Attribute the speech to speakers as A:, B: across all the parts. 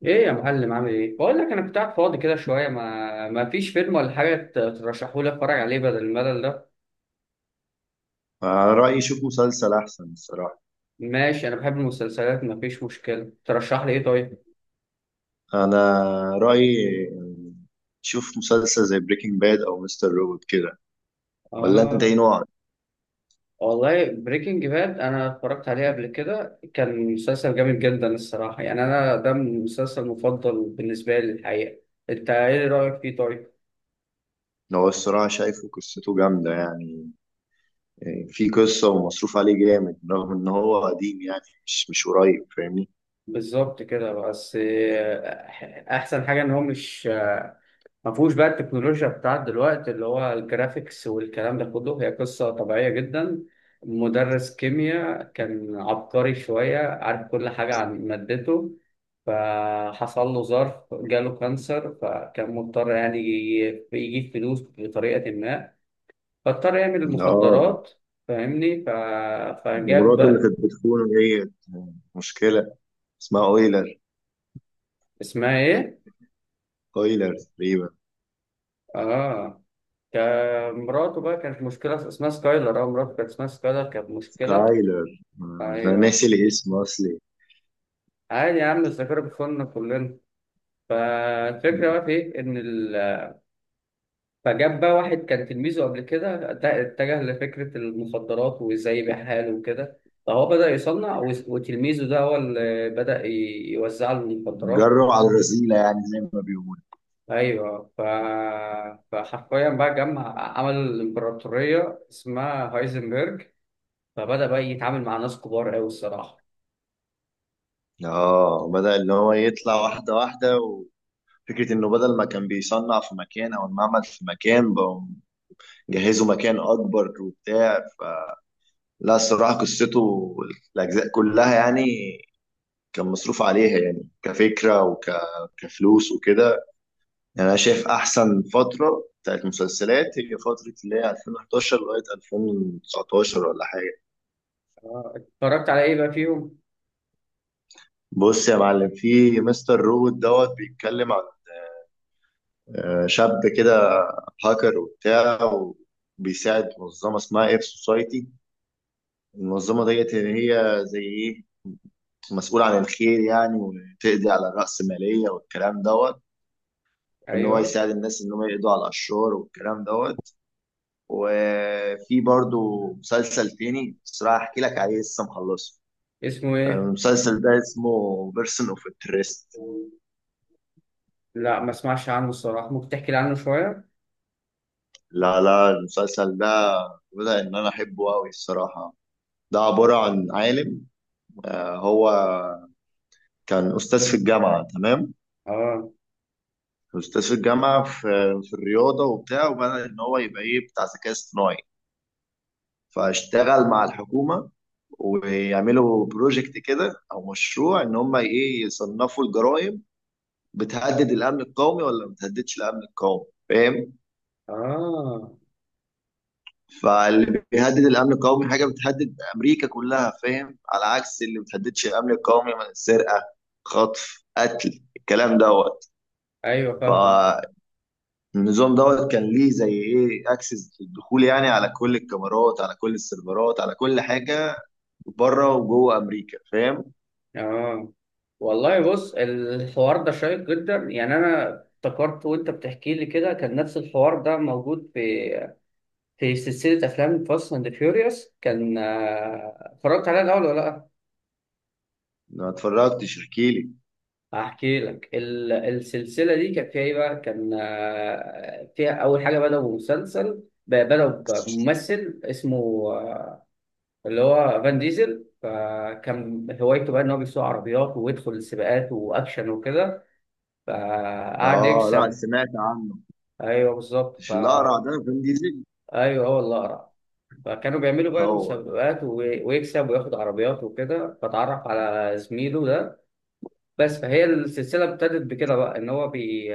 A: ايه يا معلم، عامل ايه؟ بقول لك انا كنت قاعد فاضي كده شويه، ما فيش فيلم ولا حاجه ترشحوا لي اتفرج عليه بدل الملل ده.
B: رأيي شوف مسلسل أحسن الصراحة.
A: ماشي انا بحب المسلسلات، ما فيش مشكله. ترشح لي ايه طيب؟
B: أنا رأيي شوف مسلسل زي بريكنج باد أو مستر روبوت كده. ولا أنت
A: اه،
B: إيه نوعك؟
A: والله بريكنج باد انا اتفرجت عليه قبل كده، كان مسلسل جامد جدا الصراحه. يعني انا ده المسلسل المفضل بالنسبه لي الحقيقه. انت ايه رايك فيه طيب؟
B: هو الصراحة شايفه قصته جامدة يعني. في قصة ومصروف عليه جامد رغم إن هو قديم يعني. مش قريب، فاهمني؟
A: بالظبط كده. بس احسن حاجه ان هو مش ما فيهوش بقى التكنولوجيا بتاعت دلوقتي، اللي هو الجرافيكس والكلام ده كله. هي قصة طبيعية جدا، مدرس كيمياء كان عبقري شوية، عارف كل حاجة عن مادته، فحصل له ظرف جاله كانسر، فكان مضطر يعني يجيب فلوس بطريقة ما، فاضطر يعمل
B: آه،
A: المخدرات. فاهمني؟ فجاب
B: مراته اللي
A: بقى.
B: كانت بتخونه ديت مشكلة، اسمها أويلر.
A: اسمها ايه؟
B: أويلر تقريبا.
A: اه، كان مراته بقى كانت مشكلة اسمها سكايلر. اه مراته كانت اسمها سكايلر، كانت مشكلة.
B: سكايلر. آه، أنا ناسي
A: ايوه،
B: الاسم أصلي.
A: عادي يا عم، الذاكرة بتخوننا كلنا. فالفكرة بقى في إيه؟ إن فجاب بقى واحد كان تلميذه قبل كده، اتجه لفكرة المخدرات وإزاي يبيعها له وكده. فهو بدأ يصنع، وتلميذه ده هو اللي بدأ يوزع له المخدرات.
B: جرب على الرذيلة يعني زي ما بيقولوا.
A: أيوه. فحرفيا بقى جمع، عمل الإمبراطورية اسمها هايزنبرج، فبدأ بقى يتعامل مع ناس كبار أوي الصراحة.
B: اه، بدأ ان هو يطلع واحدة واحدة، وفكرة انه بدل ما كان بيصنع في مكان او المعمل في مكان، بقوا جهزوا مكان اكبر وبتاع فلا. الصراحة قصته، الاجزاء كلها يعني، كان مصروف عليها يعني كفكرة وكفلوس وكده. يعني انا شايف احسن فترة بتاعت مسلسلات هي فترة اللي هي 2011 لغاية 2019 ولا حاجة.
A: اتفرجت على إيه بقى فيهم؟
B: بص يا معلم، في مستر روبوت دوت بيتكلم. آه، شاب كده، هاكر وبتاع، وبيساعد منظمة اسمها اير سوسايتي. المنظمة ديت اللي هي زي ايه مسؤول عن الخير يعني، وتقضي على الرأسمالية والكلام دوت. وان هو
A: أيوه.
B: يساعد الناس ان هم يقضوا على الاشرار والكلام دوت. وفي برضو مسلسل تاني بصراحة احكي لك عليه لسه مخلصه.
A: اسمه
B: آه،
A: إيه؟
B: المسلسل ده اسمه بيرسون اوف انترست.
A: لا، ما اسمعش عنه الصراحة، ممكن تحكي لي عنه شوية.
B: لا المسلسل ده بدأ ان انا احبه قوي الصراحة. ده عبارة عن عالم. آه، هو كان استاذ في الجامعه، تمام؟
A: اه.
B: استاذ في الجامعه في الرياضه وبتاع، وبدا ان هو يبقى ايه بتاع ذكاء اصطناعي. فاشتغل مع الحكومه ويعملوا بروجكت كده او مشروع ان هم ايه يصنفوا الجرائم. بتهدد الامن القومي ولا ما بتهددش الامن القومي، فاهم؟
A: اه.
B: فاللي بيهدد الامن القومي حاجه بتهدد امريكا كلها، فاهم، على عكس اللي ما بتهددش الامن القومي من السرقه، خطف، قتل، الكلام دوت.
A: ايوه فاهمك.
B: النظام دوت كان ليه زي ايه اكسس للدخول يعني، على كل الكاميرات، على كل السيرفرات، على كل حاجه، بره وجوه امريكا، فاهم؟
A: اه، والله بص، الحوار ده شيق جدا يعني. انا افتكرت وانت بتحكي لي كده كان نفس الحوار ده موجود في في سلسلة افلام فاست اند فيوريوس. كان اتفرجت عليها الاول ولا لا؟
B: ما اتفرجتش، احكيلي.
A: هحكي لك. السلسلة دي كان فيها ايه بقى؟ كان فيها اول حاجة بدأوا مسلسل بدأوا بممثل اسمه آه، اللي هو فان ديزل. فكان هوايته بقى ان هو بيسوق عربيات ويدخل السباقات واكشن وكده، فقعد
B: اه، لا
A: يكسب.
B: سمعت عنه.
A: ايوه بالظبط.
B: مش الاقرع ده فين ديزل؟
A: ايوه، هو اللي اقرع. فكانوا بيعملوا بقى
B: هو.
A: مسابقات ويكسب وياخد عربيات وكده، فتعرف على زميله ده بس. فهي السلسله ابتدت بكده بقى، ان هو بي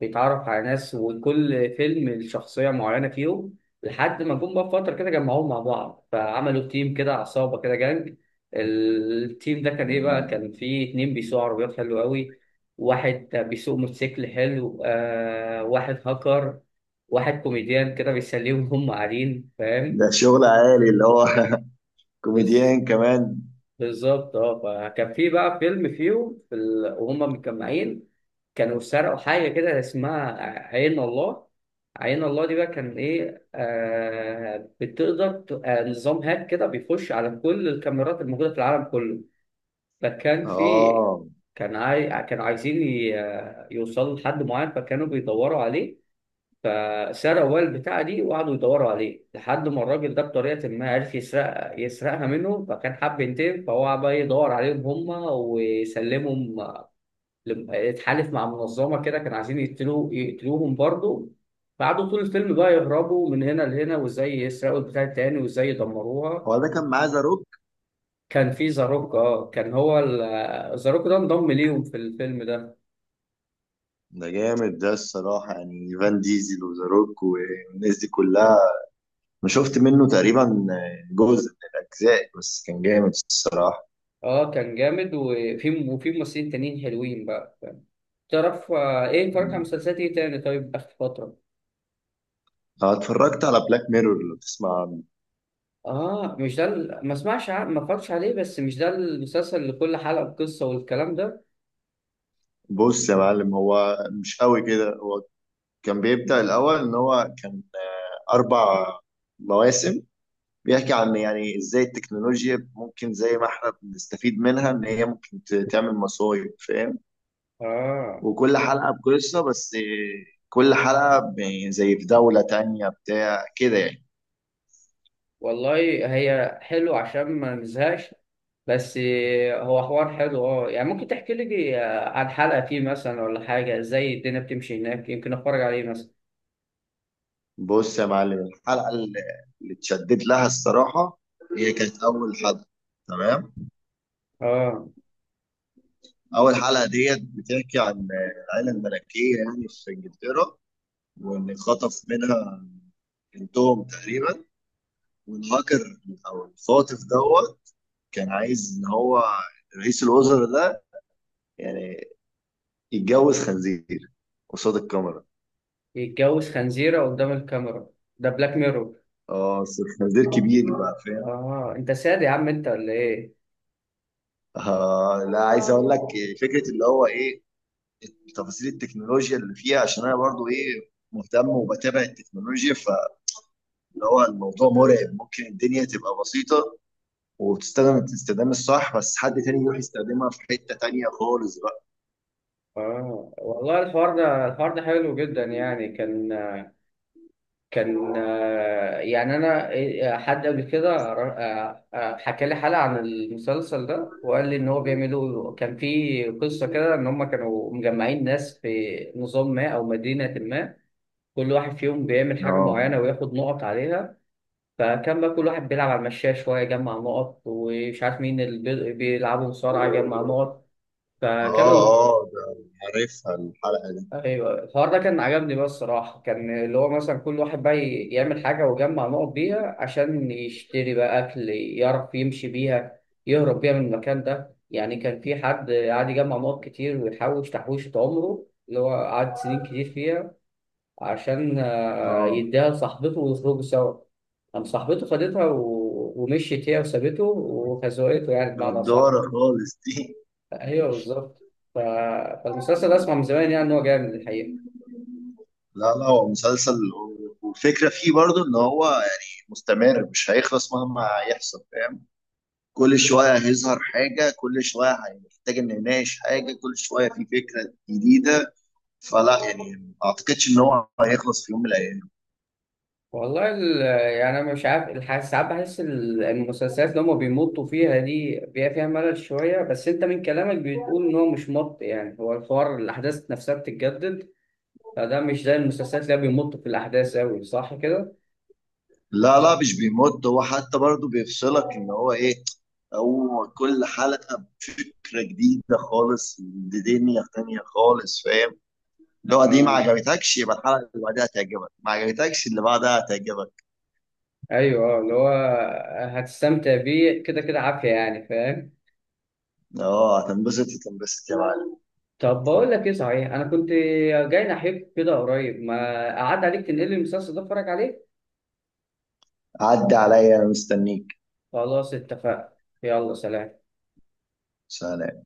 A: بيتعرف على ناس، وكل فيلم الشخصية معينة فيهم، لحد ما جم بقى في فترة كده جمعوهم مع بعض فعملوا تيم كده، عصابة كده، جانج. التيم ده كان إيه بقى؟
B: مم.
A: كان فيه اتنين بيسوقوا عربيات حلو قوي، واحد بيسوق موتوسيكل حلو، واحد هاكر، واحد كوميديان كده بيسليهم وهم قاعدين، فاهم؟
B: ده شغل عالي اللي هو
A: بس.
B: كوميديان كمان.
A: بالظبط اه. فكان في بقى فيلم فيهم في وهم متجمعين كانوا سرقوا حاجة كده اسمها عين الله. عين الله دي بقى كان إيه؟ بتقدر نظام هاك كده بيخش على كل الكاميرات الموجودة في العالم كله. فكان في،
B: اه،
A: كانوا عايزين ي... آه، يوصلوا لحد معين، فكانوا بيدوروا عليه. فسرقوا بقى البتاعة دي وقعدوا يدوروا عليه، لحد ما الراجل ده بطريقة ما عرف يسرقها منه، فكان حب ينتقم، فهو بقى يدور عليهم هما ويسلمهم. اتحالف مع منظمه كده كانوا عايزين يقتلوه، يقتلوهم برضه. قعدوا طول الفيلم بقى يهربوا من هنا لهنا، وازاي يسرقوا البتاع التاني وازاي يدمروها.
B: هو ده كان معاه ذا روك.
A: كان في زاروك. اه كان هو زاروك ده انضم ليهم في الفيلم ده.
B: ده جامد ده الصراحه يعني، فان ديزل وذا روك والناس دي كلها. انا شفت منه تقريبا جزء من الاجزاء، بس كان جامد الصراحه.
A: اه كان جامد، وفي وفي ممثلين تانيين حلوين بقى، فاهم؟ تعرف ايه، اتفرجت على مسلسلات ايه تاني طيب اخر فترة؟
B: أنا اتفرجت على بلاك ميرور، لو تسمع عنه.
A: اه، مش ده ما اسمعش ما اتفرجش عليه. بس مش ده المسلسل اللي كل حلقة بقصة والكلام ده؟
B: بص يا معلم، هو مش قوي كده. هو كان بيبدأ الاول ان هو كان آه، اربع مواسم. بيحكي عن يعني ازاي التكنولوجيا ممكن زي ما احنا بنستفيد منها ان هي ممكن تعمل مصايب، فاهم؟
A: اه،
B: وكل حلقه بقصه، بس آه، كل حلقه زي في دوله تانية بتاع كده يعني.
A: والله. هي حلو عشان ما نزهقش، بس. هو حوار حلو اه، يعني ممكن تحكي لي عن حلقة فيه مثلا ولا حاجة، ازاي الدنيا بتمشي هناك، يمكن اتفرج عليه مثلا.
B: بص يا معلم، الحلقة اللي اتشدد لها الصراحة هي كانت أول حلقة، تمام؟
A: اه.
B: أول حلقة ديت بتحكي عن العائلة الملكية يعني في إنجلترا، وإن خطف منها بنتهم تقريبا، والهاكر أو الخاطف دوت كان عايز إن هو رئيس الوزراء ده يعني يتجوز خنزير قصاد الكاميرا.
A: يتجوز خنزيرة قدام الكاميرا؟ ده بلاك ميرور؟
B: اه، بس خنزير كبير بقى، فاهم؟
A: اه انت ساد يا عم انت ولا ايه؟
B: آه لا، عايز اقول لك فكره اللي هو ايه تفاصيل التكنولوجيا اللي فيها، عشان انا برضو ايه مهتم وبتابع التكنولوجيا، فاللي هو الموضوع مرعب. ممكن الدنيا تبقى بسيطة وبتستخدم الاستخدام الصح، بس حد تاني يروح يستخدمها في حتة تانية خالص بقى.
A: اه، والله الحوار ده، الحوار ده حلو جدا يعني. كان كان يعني انا حد قبل كده حكى لي حلقه عن المسلسل ده، وقال لي ان هو بيعملوا، كان في قصه كده، ان هم كانوا مجمعين ناس في نظام ما او مدينه ما، كل واحد فيهم بيعمل حاجه
B: اه.
A: معينه وياخد نقط عليها. فكان بقى كل واحد بيلعب على المشاية شويه يجمع نقط، ومش عارف مين اللي بيلعبوا مصارعه يجمع نقط،
B: اه.
A: فكانوا.
B: اه ده عارفها الحلقة دي.
A: ايوه، الحوار ده كان عجبني بقى الصراحه. كان اللي هو مثلا كل واحد بقى يعمل حاجه ويجمع نقط بيها عشان يشتري بقى اكل، يعرف يمشي بيها، يهرب بيها من المكان ده. يعني كان في حد قعد يجمع نقط كتير ويحوش تحويشة عمره، اللي هو قعد سنين كتير فيها، عشان
B: اه،
A: يديها لصاحبته ويخرجوا سوا. قام صاحبته خدتها و... ومشيت هي وسابته وخزوقته، يعني بمعنى صح.
B: جدارة خالص دي.
A: ايوه بالظبط. ف... فالمسلسل ده اسمع من زمان يعني ان هو جامد الحقيقه.
B: لا هو مسلسل، والفكرة فيه برضو ان هو يعني مستمر، مش هيخلص مهما يحصل، فاهم؟ كل شوية هيظهر حاجة، كل شوية هنحتاج إن نناقش حاجة، كل شوية في فكرة جديدة. فلا يعني ما أعتقدش إن هو هيخلص في يوم من الأيام.
A: والله يعني انا مش عارف ساعات بحس المسلسلات اللي هم بيمطوا فيها دي بيبقى فيها ملل شويه، بس انت من كلامك بتقول ان هو مش مط، يعني هو الحوار، الاحداث نفسها بتتجدد، فده مش زي المسلسلات اللي هي بيمطوا في الاحداث قوي، صح كده؟
B: لا مش بيمد، هو حتى برضه بيفصلك إن هو إيه. هو كل حلقة بفكرة جديدة خالص، بدنيا تانية خالص، فاهم؟ لو دي ما
A: اه.
B: عجبتكش يبقى الحلقة اللي بعدها هتعجبك، ما عجبتكش اللي بعدها هتعجبك.
A: ايوه اه، اللي هو هتستمتع بيه كده كده عافيه، يعني فاهم؟
B: اه، هتنبسط يا معلم.
A: طب بقول لك ايه صحيح، انا كنت جاي ناحيك كده قريب، ما قعد عليك تنقل لي المسلسل ده اتفرج عليه؟
B: عدي عليا أنا مستنيك.
A: خلاص اتفقنا. يلا سلام.
B: سلام.